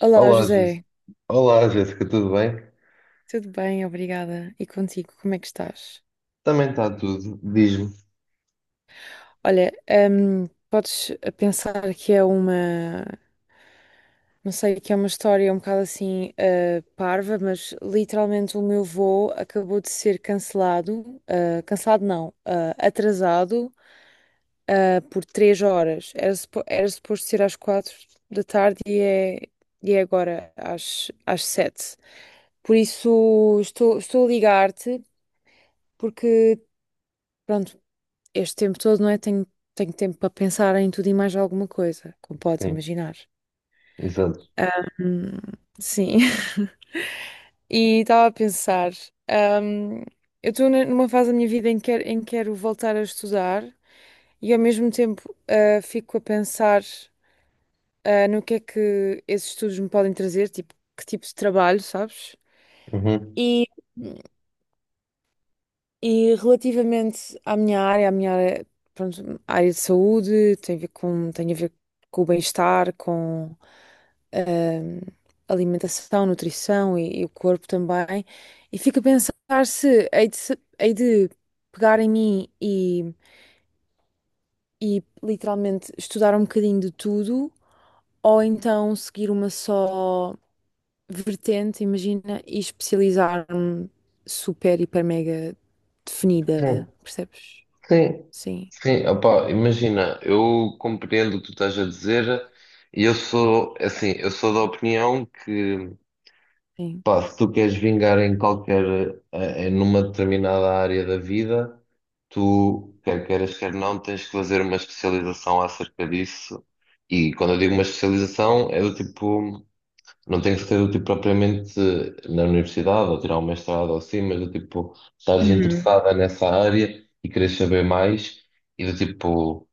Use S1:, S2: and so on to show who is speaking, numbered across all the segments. S1: Olá,
S2: Olá, Jéssica.
S1: José.
S2: Olá, Jéssica, tudo bem?
S1: Tudo bem? Obrigada. E contigo, como é que estás?
S2: Também está tudo, diz-me.
S1: Olha, podes pensar que é uma, não sei, que é uma história um bocado assim, parva, mas literalmente o meu voo acabou de ser cancelado, cancelado não, atrasado, por 3 horas. Era, era suposto ser às 4 da tarde e é agora às, às 7. Por isso estou a ligar-te porque, pronto, este tempo todo, não é? Tenho, tenho tempo para pensar em tudo e mais alguma coisa, como podes
S2: Sim,
S1: imaginar.
S2: exato.
S1: Ahm, sim. E estava a pensar, ahm, eu estou numa fase da minha vida em que, em que quero voltar a estudar e ao mesmo tempo fico a pensar no que é que esses estudos me podem trazer, tipo, que tipo de trabalho, sabes?
S2: Uhum.
S1: E, E relativamente à minha área, pronto, área de saúde, tem a ver com, tem a ver com o bem-estar, com ahm, alimentação, nutrição e o corpo também. E fico a pensar se hei de, hei de pegar em mim e literalmente estudar um bocadinho de tudo, ou então seguir uma só vertente, imagina, e especializar-me super, hiper, mega
S2: Sim,
S1: definida, percebes?
S2: sim,
S1: Sim,
S2: sim. Opá, imagina, eu compreendo o que tu estás a dizer e eu sou, assim, eu sou da opinião que,
S1: sim.
S2: pá, se tu queres vingar em qualquer, em numa determinada área da vida, tu, quer queiras, quer não, tens que fazer uma especialização acerca disso. E quando eu digo uma especialização, é do tipo. Não tem que ser do tipo propriamente na universidade, ou tirar um mestrado ou assim, mas do tipo, estás interessada nessa área e queres saber mais, e do tipo.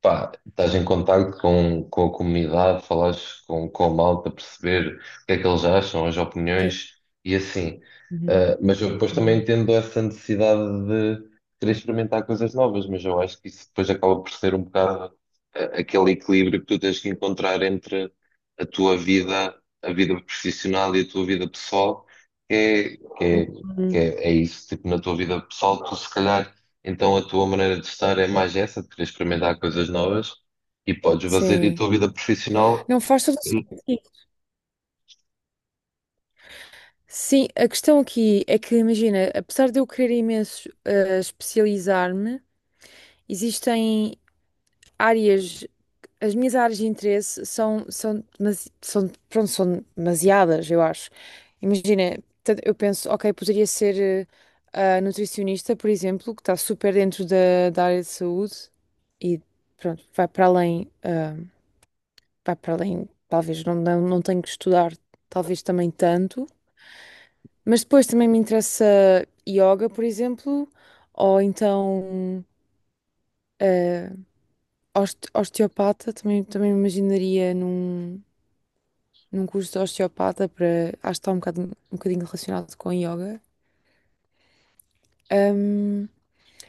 S2: Pá, estás em contacto com a comunidade, falas com a malta, perceber o que é que eles acham, as
S1: Sim.
S2: opiniões e assim.
S1: Uhum,
S2: Ah, mas eu depois também
S1: uhum.
S2: entendo essa necessidade de querer experimentar coisas novas, mas eu acho que isso depois acaba por ser um bocado aquele equilíbrio que tu tens que encontrar entre a tua vida, a vida profissional e a tua vida pessoal, que é, que é,
S1: Uhum.
S2: é isso, tipo, na tua vida pessoal, tu se calhar então a tua maneira de estar é mais essa, de querer experimentar coisas novas e podes fazer a
S1: Sim.
S2: tua vida profissional.
S1: Não faz todo o sentido. Sim, a questão aqui é que, imagina, apesar de eu querer imenso especializar-me, existem áreas, as minhas áreas de interesse são, são, são, pronto, são demasiadas, eu acho. Imagina, eu penso, ok, poderia ser a nutricionista, por exemplo, que está super dentro da, da área de saúde e, pronto, vai para além. Pá, para além, talvez não, não, não tenho que estudar, talvez também tanto, mas depois também me interessa yoga, por exemplo, ou então eh, osteopata, também, também me imaginaria num, num curso de osteopata para, acho que está um bocado, um bocadinho relacionado com yoga. Ahm,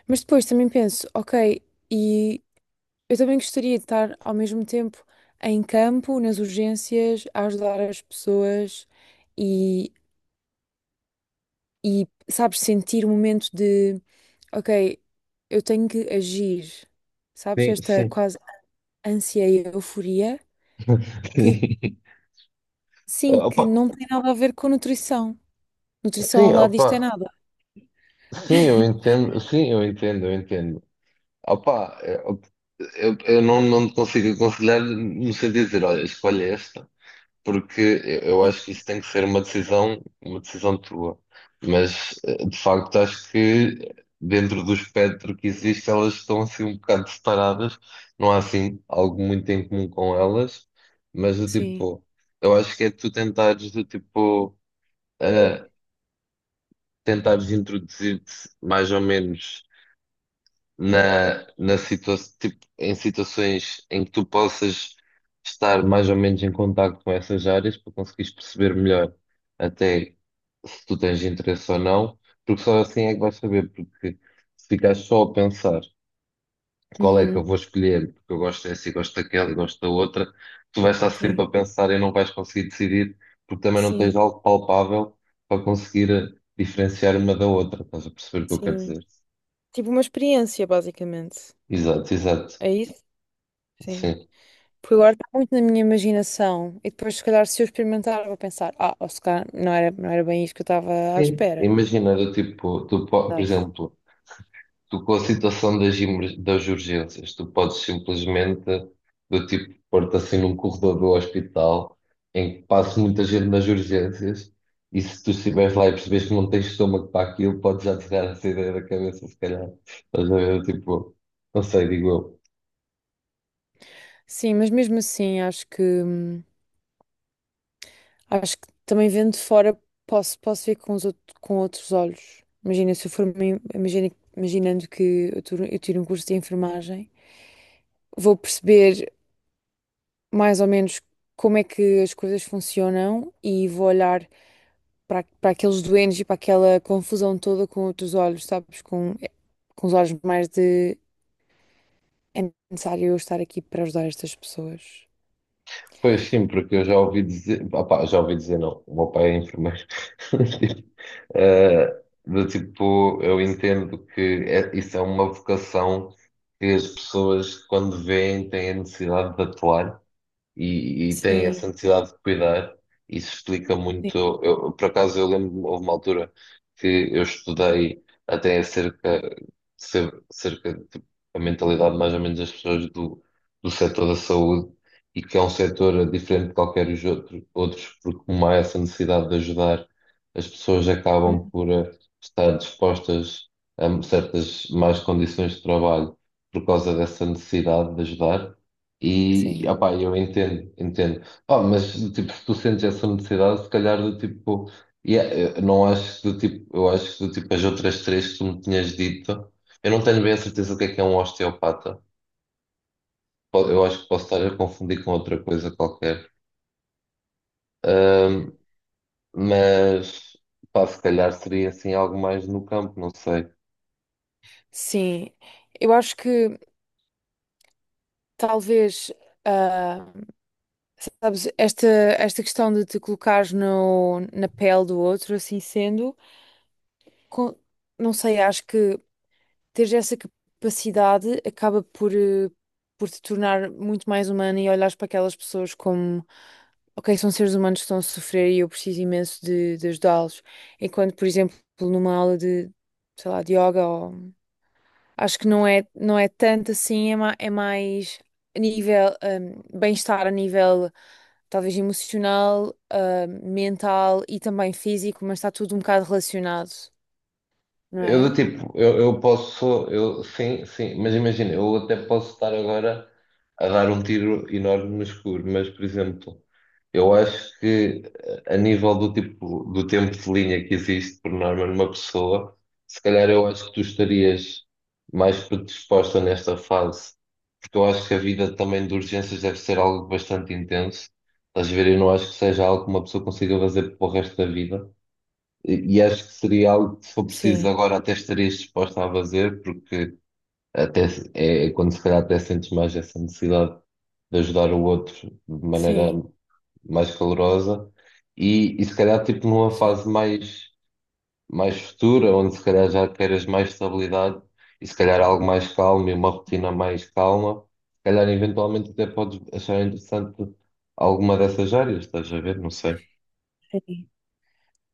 S1: mas depois também penso, ok, e eu também gostaria de estar ao mesmo tempo em campo, nas urgências, a ajudar as pessoas e e, sabes, sentir o momento de, ok, eu tenho que agir, sabes,
S2: Sim,
S1: esta
S2: sim.
S1: quase ânsia e euforia que,
S2: Eh,
S1: sim, que
S2: Opa,
S1: não tem nada a ver com nutrição. Nutrição ao
S2: sim,
S1: lado disto é
S2: opa,
S1: nada.
S2: sim, eu entendo, eu entendo. Opa, eu não, não te consigo aconselhar no sentido de dizer, olha, escolhe esta. Porque eu acho que isso tem que ser uma decisão tua. Mas de facto acho que dentro do espectro que existe elas estão assim um bocado separadas, não há assim algo muito em comum com elas, mas do
S1: Sim,
S2: tipo, eu acho que é tu tentares do tipo eh, tentares introduzir-te mais ou menos na situa tipo, em situações em que tu possas estar mais ou menos em contacto com essas áreas para conseguires perceber melhor até se tu tens interesse ou não, porque só assim é que vais saber, porque se ficares só a pensar qual é que eu
S1: uhum,
S2: vou escolher, porque eu gosto dessa e gosto daquela e gosto da outra, tu vais estar sempre
S1: sim,
S2: a pensar e não vais conseguir decidir, porque também não tens
S1: sim,
S2: algo palpável para conseguir diferenciar uma da outra, estás a perceber o que eu quero
S1: sim.
S2: dizer?
S1: Tipo uma experiência, basicamente.
S2: Exato, exato.
S1: É isso? Sim.
S2: Sim.
S1: Porque agora está muito na minha imaginação e depois, se calhar, se eu experimentar, vou pensar, ah, ou se calhar não era, não era bem isto que eu estava à
S2: Sim,
S1: espera.
S2: imagina, do tipo, tu, po- por
S1: Verdade.
S2: exemplo, tu com a situação das, emer- das urgências, tu podes simplesmente, do tipo, pôr-te assim num corredor do hospital em que passa muita gente nas urgências e se tu estiveres lá e percebes que não tens estômago para aquilo, podes já tirar essa ideia da cabeça, se calhar. Estás a ver, tipo, não sei, digo eu.
S1: Sim, mas mesmo assim, acho que também vendo de fora posso, posso ver com os com outros olhos. Imagina, se eu for uma imagina, imaginando que eu tiro um curso de enfermagem, vou perceber mais ou menos como é que as coisas funcionam e vou olhar para, para aqueles doentes e para aquela confusão toda com outros olhos, sabes? Com os olhos mais de é necessário eu estar aqui para ajudar estas pessoas.
S2: Pois sim, porque eu já ouvi dizer, opá, já ouvi dizer não, o meu pai é enfermeiro. Tipo, do tipo, eu entendo que é- isso é uma vocação que as pessoas, quando veem, têm a necessidade de atuar e têm
S1: Sim.
S2: essa necessidade de cuidar. Isso explica muito. Eu, por acaso, eu lembro-me, houve uma altura que eu estudei até acerca, cer- cerca de a mentalidade mais ou menos das pessoas do, do setor da saúde e que é um setor diferente de qualquer os outro- outros, porque como há essa necessidade de ajudar, as pessoas acabam por estar dispostas a certas más condições de trabalho por causa dessa necessidade de ajudar e,
S1: Sim.
S2: opá, eu entendo, entendo. Pá, mas, do tipo, se tu sentes essa necessidade, se calhar, do tipo, yeah, eu não acho que, do tipo, eu acho que, do tipo, as outras três que tu me tinhas dito, eu não tenho bem a certeza do que é um osteopata. Po- Eu acho que posso estar a confundir com outra coisa qualquer. Ahm, mas, pá, se calhar seria, assim, algo mais no campo, não sei.
S1: Sim, eu acho que talvez. ah, Sabes, esta questão de te colocares no, na pele do outro, assim sendo, com- não sei, acho que teres essa capacidade acaba por, por te tornar muito mais humana e olhares para aquelas pessoas como, ok, são seres humanos que estão a sofrer e eu preciso imenso de ajudá-los. Enquanto, por exemplo, numa aula de, sei lá, de yoga. Acho que não é, não é tanto assim, é, é mais a nível, bem-estar a nível talvez emocional, mental e também físico, mas está tudo um bocado relacionado, não
S2: Eu do
S1: é?
S2: tipo, eu posso, eu sim, sim, mas imagina, eu até posso estar agora a dar um tiro enorme no escuro, mas por exemplo, eu acho que a nível do tipo do tempo de linha que existe por norma numa pessoa, se calhar eu acho que tu estarias mais predisposta nesta fase, porque eu acho que a vida também de urgências deve ser algo bastante intenso. Estás a ver? Eu não acho que seja algo que uma pessoa consiga fazer para o resto da vida. E acho que seria algo que, se for preciso
S1: Sim,
S2: agora, até estarias disposta a fazer, porque até se- é é quando se calhar até sentes mais essa necessidade de ajudar o outro de maneira
S1: sim,
S2: mais calorosa. E se calhar, tipo, numa
S1: sim.
S2: fase mais, mais futura, onde se calhar já queiras mais estabilidade e se calhar algo mais calmo e uma rotina mais calma, se calhar eventualmente até podes achar interessante alguma dessas áreas, estás a ver? Não sei.
S1: Sim.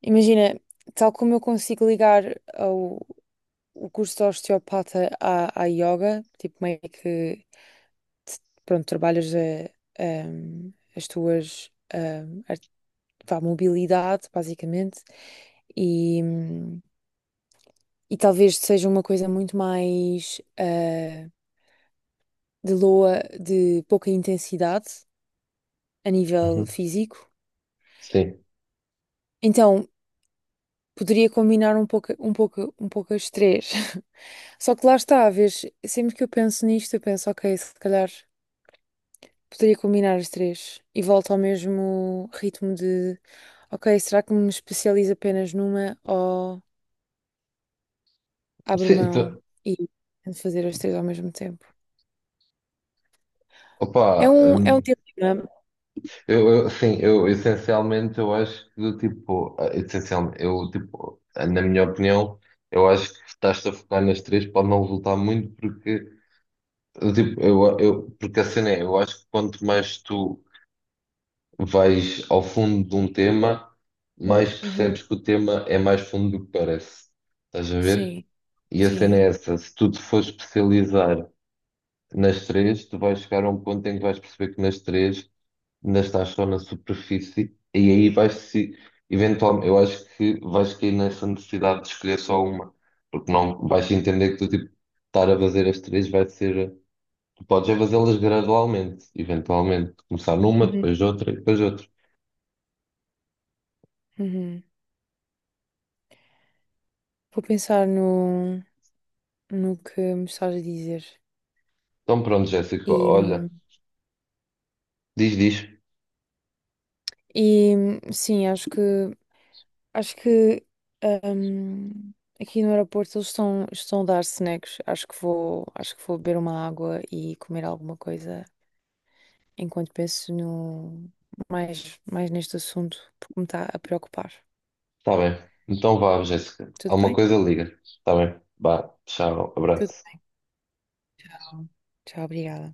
S1: Imagina, tal como eu consigo ligar ao, o curso de osteopata à, à yoga, tipo meio que, pronto, a, as tuas pá, mobilidade, basicamente, e, e talvez seja uma coisa muito mais de loa, de pouca intensidade a nível
S2: Uhum.
S1: físico.
S2: Sim,
S1: Então, poderia combinar um pouco, um pouco, um pouco as três. Só que lá está, vês, sempre que eu penso nisto, eu penso, ok, se calhar poderia combinar as três e volto ao mesmo ritmo de, ok, será que me especializo apenas numa ou abro
S2: sim,
S1: mão
S2: tu-
S1: e tento fazer as três ao mesmo tempo?
S2: opa,
S1: É um dilema.
S2: Eu, essencialmente eu acho que do tipo, essencialmente, eu tipo, na minha opinião, eu acho que estás a focar nas três pode não resultar muito porque do tipo, porque assim é, eu acho que quanto mais tu vais ao fundo de um tema, mais
S1: Uhum.
S2: percebes que o tema é mais fundo do que parece. Estás a ver?
S1: Sim,
S2: E a cena é
S1: sim.
S2: essa, se tu te fores especializar nas três, tu vais chegar a um ponto em que vais perceber que nas três ainda estás só na superfície e aí vais se eventualmente, eu acho que vais cair nessa necessidade de escolher só uma, porque não vais entender que tu tipo, estar a fazer as três vai ser, tu podes é fazê-las gradualmente, eventualmente, começar numa,
S1: Uhum,
S2: depois outra e depois outra.
S1: uhum. Vou pensar no, no que me estás a dizer.
S2: Então pronto, Jéssica,
S1: e
S2: olha,
S1: hum,
S2: diz, diz,
S1: E sim, acho que ahm, aqui no aeroporto eles estão, estão a dar snacks. Acho que vou beber uma água e comer alguma coisa enquanto penso no mais, mais neste assunto, porque me está a preocupar.
S2: está bem. Então vá, Jéssica,
S1: Tudo
S2: alguma
S1: bem?
S2: coisa liga, está bem? Vá, tchau,
S1: Tudo
S2: abraço.
S1: bom. Tchau, obrigada.